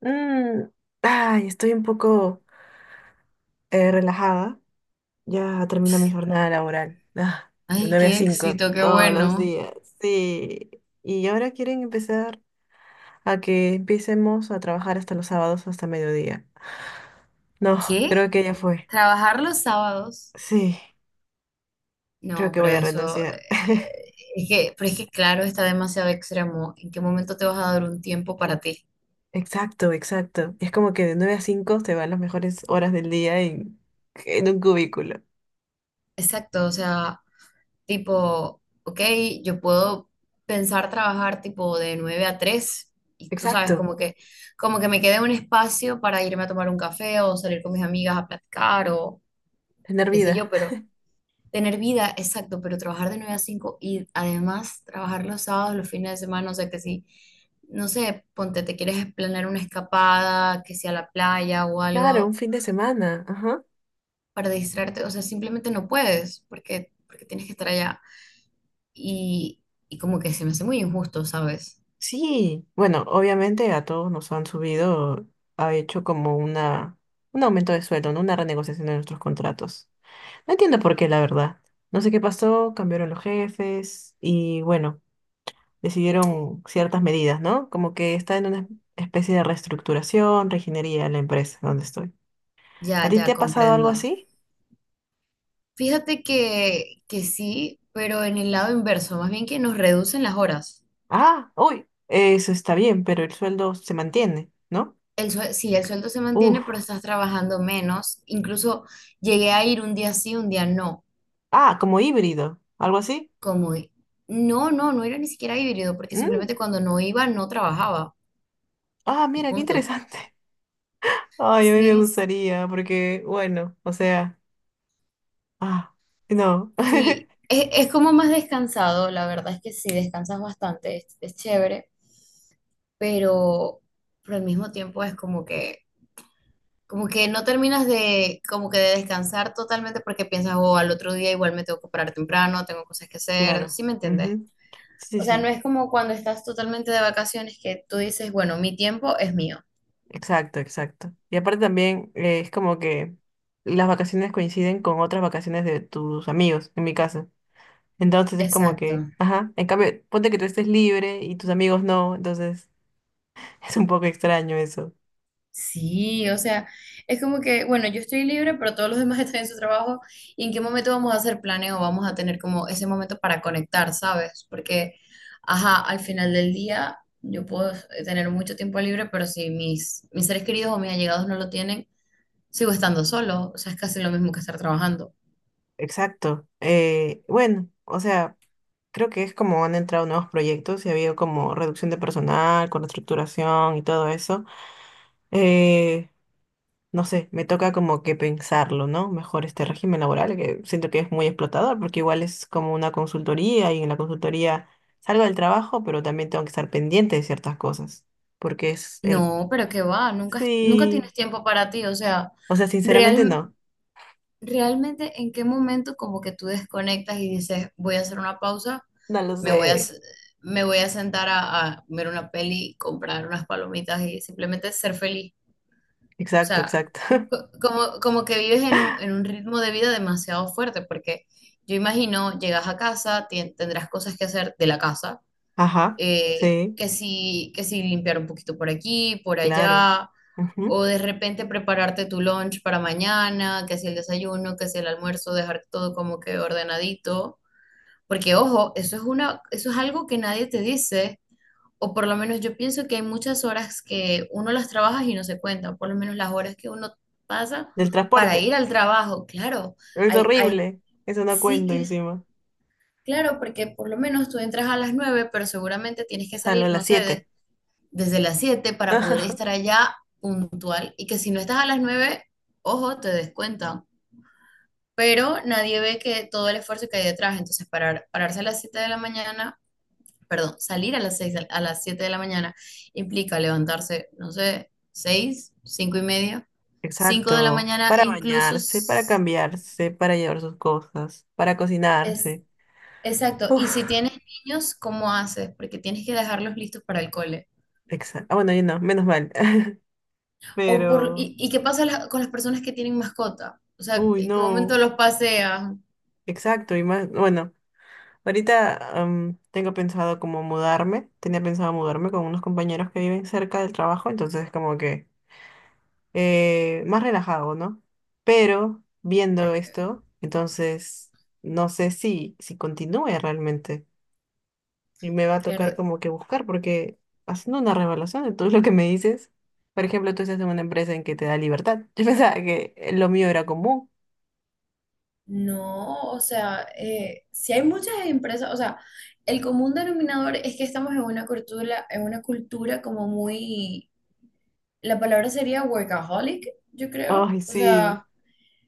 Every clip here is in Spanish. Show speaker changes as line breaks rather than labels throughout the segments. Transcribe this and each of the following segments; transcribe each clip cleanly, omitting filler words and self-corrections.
Mm, ay, estoy un poco relajada. Ya termino mi jornada laboral. Ah, de
Ay,
9 a
qué
5
éxito, qué
todos los
bueno.
días. Sí. Y ahora quieren empezar a que empecemos a trabajar hasta los sábados, hasta mediodía. No,
¿Qué?
creo que ya fue.
¿Trabajar los sábados?
Sí, creo
No,
que
pero
voy a
eso,
renunciar.
es que, pero es que claro, está demasiado extremo. ¿En qué momento te vas a dar un tiempo para ti?
Exacto, exacto. Es como que de 9 a 5 te van las mejores horas del día en un cubículo.
Exacto, o sea, tipo, ok, yo puedo pensar trabajar tipo de 9 a 3 y tú sabes,
Exacto,
como que me quede un espacio para irme a tomar un café o salir con mis amigas a platicar o
tener
qué sé yo,
vida.
pero tener vida, exacto, pero trabajar de 9 a 5 y además trabajar los sábados, los fines de semana, o sea que si, no sé, ponte, te quieres planear una escapada, que sea a la playa o
Claro, un
algo
fin de semana. Ajá.
para distraerte, o sea, simplemente no puedes porque tienes que estar allá. Y, y como que se me hace muy injusto, ¿sabes?
Sí, bueno, obviamente a todos nos han subido, ha hecho como un aumento de sueldo, ¿no? Una renegociación de nuestros contratos. No entiendo por qué, la verdad. No sé qué pasó, cambiaron los jefes y bueno, decidieron ciertas medidas, ¿no? Como que está en una especie de reestructuración, reginería la empresa donde estoy. ¿A
Ya,
ti
ya
te ha pasado algo
comprendo.
así?
Fíjate que sí, pero en el lado inverso, más bien que nos reducen las horas.
Ah, uy, eso está bien, pero el sueldo se mantiene, ¿no?
Sí, el sueldo se
Uf,
mantiene, pero estás trabajando menos. Incluso llegué a ir un día sí, un día no.
ah, como híbrido, algo así.
Como, no, no, no era ni siquiera híbrido, porque
Mm,
simplemente cuando no iba, no trabajaba.
ah,
Y
mira, qué
punto.
interesante. Ay, a mí me
Sí,
gustaría, porque, bueno, o sea, ah, no,
sí. Es como más descansado, la verdad es que sí, descansas bastante, es chévere, pero, pero al mismo tiempo es como que no terminas de, como que de descansar totalmente porque piensas, oh, al otro día igual me tengo que parar temprano, tengo cosas que hacer,
claro,
¿sí me entiendes?
ujú. Sí, sí,
O sea, no
sí,
es como cuando estás totalmente de vacaciones que tú dices, bueno, mi tiempo es mío.
exacto, exacto. Y aparte también es como que las vacaciones coinciden con otras vacaciones de tus amigos, en mi caso. Entonces es como
Exacto.
que, ajá, en cambio, ponte que tú estés libre y tus amigos no, entonces es un poco extraño eso.
Sí, o sea, es como que, bueno, yo estoy libre, pero todos los demás están en su trabajo. ¿Y en qué momento vamos a hacer planes o vamos a tener como ese momento para conectar? ¿Sabes? Porque, ajá, al final del día yo puedo tener mucho tiempo libre, pero si mis seres queridos o mis allegados no lo tienen, sigo estando solo. O sea, es casi lo mismo que estar trabajando.
Exacto. Bueno, o sea, creo que es como han entrado nuevos proyectos y ha habido como reducción de personal, con reestructuración y todo eso. Eh, no sé, me toca como que pensarlo, ¿no? Mejor este régimen laboral, que siento que es muy explotador, porque igual es como una consultoría y en la consultoría salgo del trabajo, pero también tengo que estar pendiente de ciertas cosas, porque es el...
No, pero qué va, nunca, nunca
Sí,
tienes tiempo para ti. O sea,
o sea, sinceramente
real.
no,
Realmente en qué momento como que tú desconectas y dices, voy a hacer una pausa,
no lo
me voy a,
sé.
s- me voy a sentar a, ver una peli, comprar unas palomitas y simplemente ser feliz. O
Exacto,
sea,
exacto.
como que vives en un ritmo de vida demasiado fuerte, porque yo imagino, llegas a casa, tendrás cosas que hacer de la casa
Ajá, sí,
que sí limpiar un poquito por aquí, por
claro.
allá, o
Ujú.
de repente prepararte tu lunch para mañana, que si el desayuno, que si el almuerzo, dejar todo como que ordenadito, porque ojo, eso es una, eso es algo que nadie te dice, o por lo menos yo pienso que hay muchas horas que uno las trabaja y no se cuentan, por lo menos las horas que uno pasa
Del
para
transporte,
ir al trabajo, claro,
es
hay
horrible, eso no cuento
ciclos.
encima.
Claro, porque por lo menos tú entras a las 9, pero seguramente tienes que
Salgo a
salir, no
las
sé,
7.
desde las 7 para poder estar allá puntual y que si no estás a las 9 ojo, te descuentan. Pero nadie ve que todo el esfuerzo que hay detrás, entonces pararse a las 7 de la mañana, perdón, salir a las 6 a las 7 de la mañana implica levantarse, no sé, 6 5 y media, 5 de la
Exacto,
mañana,
para
incluso
bañarse, para cambiarse, para llevar sus cosas, para
es
cocinarse.
exacto. Y si
Uf,
tienes niños, ¿cómo haces? Porque tienes que dejarlos listos para el cole.
exacto. Ah, bueno, yo no, menos mal.
O por,
Pero,
y, y qué pasa con las personas que tienen mascota? O sea,
uy,
¿en qué momento
no,
los pasean?
exacto, y más, bueno, ahorita tengo pensado como mudarme, tenía pensado mudarme con unos compañeros que viven cerca del trabajo, entonces como que más relajado, ¿no? Pero viendo
Pe-
esto, entonces no sé si continúe realmente. Y me va a tocar
Claro,
como que buscar, porque haciendo una revaluación de todo lo que me dices, por ejemplo, tú estás en una empresa en que te da libertad. Yo pensaba que lo mío era común.
no, o sea, si hay muchas empresas, o sea, el común denominador es que estamos en una cultura como muy, la palabra sería workaholic, yo creo.
Ay,
O
sí,
sea,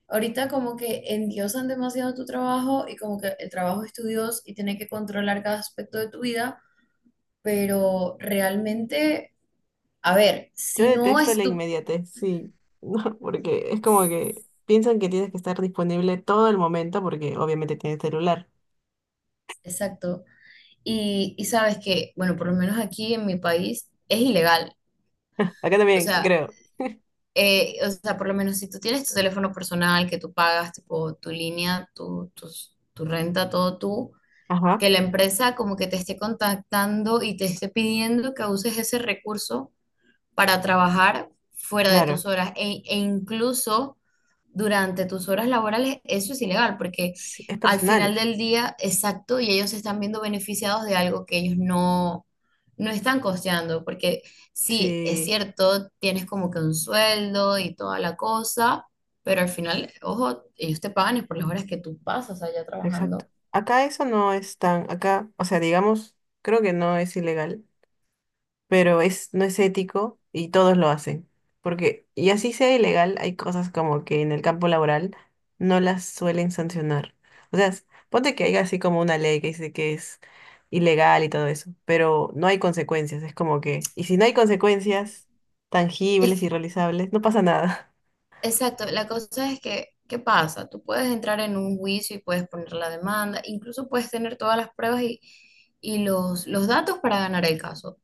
ahorita como que endiosan demasiado tu trabajo y como que el trabajo es tu Dios y tiene que controlar cada aspecto de tu vida, pero realmente... A ver,
yo
si no
detesto
es
la
tu...
inmediatez, sí, no, porque es como que piensan que tienes que estar disponible todo el momento, porque obviamente tienes celular.
Exacto. Y sabes que, bueno, por lo menos aquí en mi país es ilegal.
Acá
O
también,
sea,
creo.
o sea, por lo menos si tú tienes tu teléfono personal que tú pagas, tipo tu línea, tu renta, todo tú, que
Ajá,
la empresa como que te esté contactando y te esté pidiendo que uses ese recurso para trabajar fuera de
claro.
tus horas e incluso durante tus horas laborales, eso es ilegal porque
Sí, es
al final
personal.
del día, exacto, y ellos se están viendo beneficiados de algo que ellos no están costeando, porque sí, es
Sí,
cierto, tienes como que un sueldo y toda la cosa, pero al final, ojo, ellos te pagan es por las horas que tú pasas allá
exacto.
trabajando.
Acá eso no es tan, acá, o sea, digamos, creo que no es ilegal, pero es, no es ético y todos lo hacen. Porque, y así sea ilegal, hay cosas como que en el campo laboral no las suelen sancionar. O sea, ponte que hay así como una ley que dice que es ilegal y todo eso, pero no hay consecuencias, es como que, y si no hay consecuencias
Es,
tangibles y realizables, no pasa nada.
Exacto, la cosa es que, ¿qué pasa? Tú puedes entrar en un juicio y puedes poner la demanda, incluso puedes tener todas las pruebas y los datos para ganar el caso.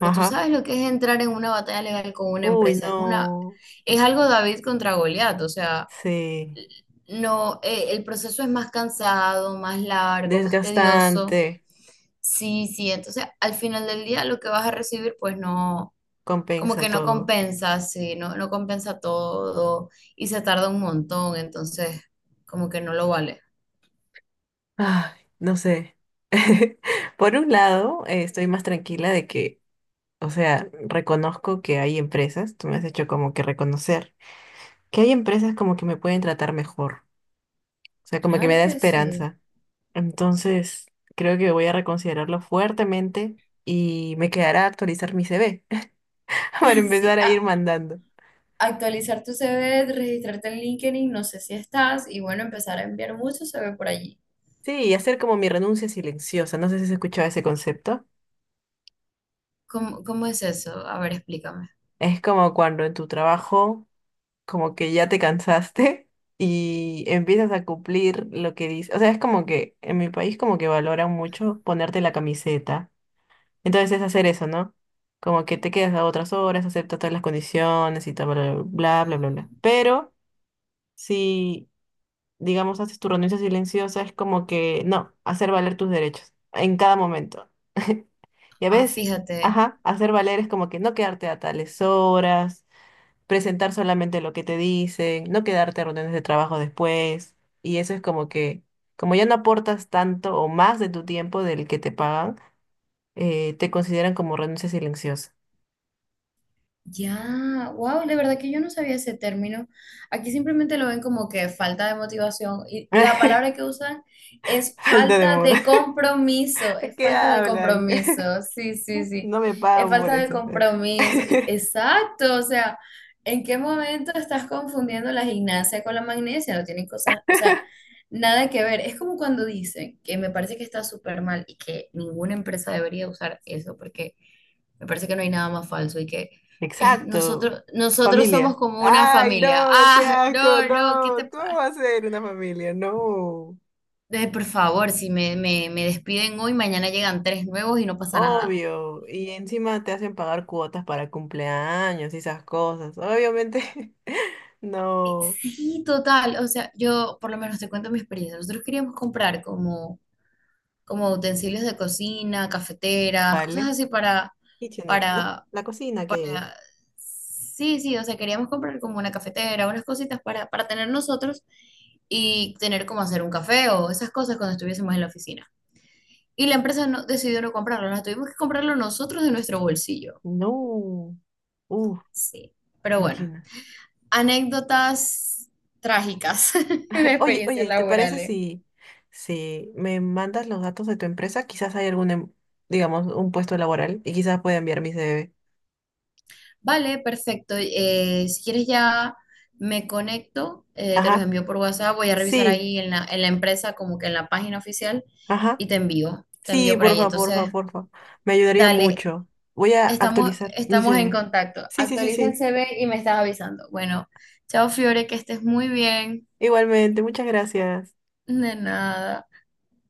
tú
Ajá.
sabes lo que es entrar en una batalla legal con una
Uy,
empresa.
no.
Es algo David contra Goliat, o sea,
Sí.
no, el proceso es más cansado, más largo, más tedioso.
Desgastante.
Sí, sí, entonces al final del día lo que vas a recibir, pues no como que
Compensa
no
todo.
compensa, sí, no compensa todo y se tarda un montón, entonces como que no lo vale.
Ay, no sé. Por un lado, estoy más tranquila de que, o sea, reconozco que hay empresas, tú me has hecho como que reconocer, que hay empresas como que me pueden tratar mejor, o sea, como que me
Claro
da
que sí.
esperanza. Entonces, creo que voy a reconsiderarlo fuertemente y me quedará actualizar mi CV. Para
Sí,
empezar a ir mandando.
actualizar tu CV, registrarte en LinkedIn, no sé si estás, y bueno, empezar a enviar mucho CV por allí.
Sí, y hacer como mi renuncia silenciosa, no sé si has escuchado ese concepto.
¿Cómo es eso? A ver, explícame.
Es como cuando en tu trabajo como que ya te cansaste y empiezas a cumplir lo que dice. O sea, es como que en mi país como que valoran mucho ponerte la camiseta. Entonces es hacer eso, ¿no? Como que te quedas a otras horas, aceptas todas las condiciones y tal, bla, bla, bla, bla, bla. Pero si, digamos, haces tu renuncia silenciosa, es como que, no, hacer valer tus derechos en cada momento. Y a
Ah,
veces,
fíjate.
ajá, hacer valer es como que no quedarte a tales horas, presentar solamente lo que te dicen, no quedarte a reuniones de trabajo después. Y eso es como que, como ya no aportas tanto o más de tu tiempo del que te pagan, te consideran como renuncia silenciosa.
Ya, wow, de verdad que yo no sabía ese término. Aquí simplemente lo ven como que falta de motivación y la palabra que usan es
Falta de
falta
moda.
de compromiso, es
¿Qué
falta de
hablan?
compromiso, sí, sí, sí,
No me
es
pagan por
falta de
eso.
compromiso. Exacto, o sea, ¿en qué momento estás confundiendo la gimnasia con la magnesia? No tienen cosas, o sea, nada que ver. Es como cuando dicen que me parece que está súper mal y que ninguna empresa debería usar eso porque me parece que no hay nada más falso y que
Exacto.
nosotros somos
Familia.
como una
Ay,
familia.
no, qué
Ah,
asco,
no, no, ¿qué te
no. ¿Cómo
pasa?
va a ser una familia? No.
Por favor, si me despiden hoy, mañana llegan tres nuevos y no pasa nada.
Obvio, y encima te hacen pagar cuotas para cumpleaños y esas cosas. Obviamente,
Y
no
sí, total. O sea, yo por lo menos te cuento mi experiencia. Nosotros queríamos comprar como utensilios de cocina, cafeteras, cosas
vale.
así para,
Kitchenit, ¿no?
para
La cocina que hay ahí.
sea, sí, sí, o sea, queríamos comprar como una cafetera, unas cositas para tener nosotros y tener como hacer un café o esas cosas cuando estuviésemos en la oficina. Y la empresa no, decidió no comprarlo, nos tuvimos que comprarlo nosotros de nuestro bolsillo.
No. Uf,
Sí, pero bueno,
imagina.
anécdotas trágicas de
Oye,
experiencias
oye, ¿te parece
laborales.
si, si me mandas los datos de tu empresa? Quizás hay algún, digamos, un puesto laboral y quizás pueda enviar mi CV.
Vale, perfecto. Si quieres ya me conecto, te los
Ajá.
envío por WhatsApp, voy a revisar
Sí,
ahí en la, empresa, como que en la página oficial,
ajá.
y te envío, te
Sí,
envío por ahí.
porfa, porfa,
Entonces,
porfa. Me ayudaría
dale,
mucho. Voy a
estamos,
actualizar mi
estamos en
CV.
contacto.
Sí, sí, sí,
Actualiza el
sí.
CV y me estás avisando. Bueno, chao Fiore, que estés muy bien.
Igualmente, muchas gracias.
De nada.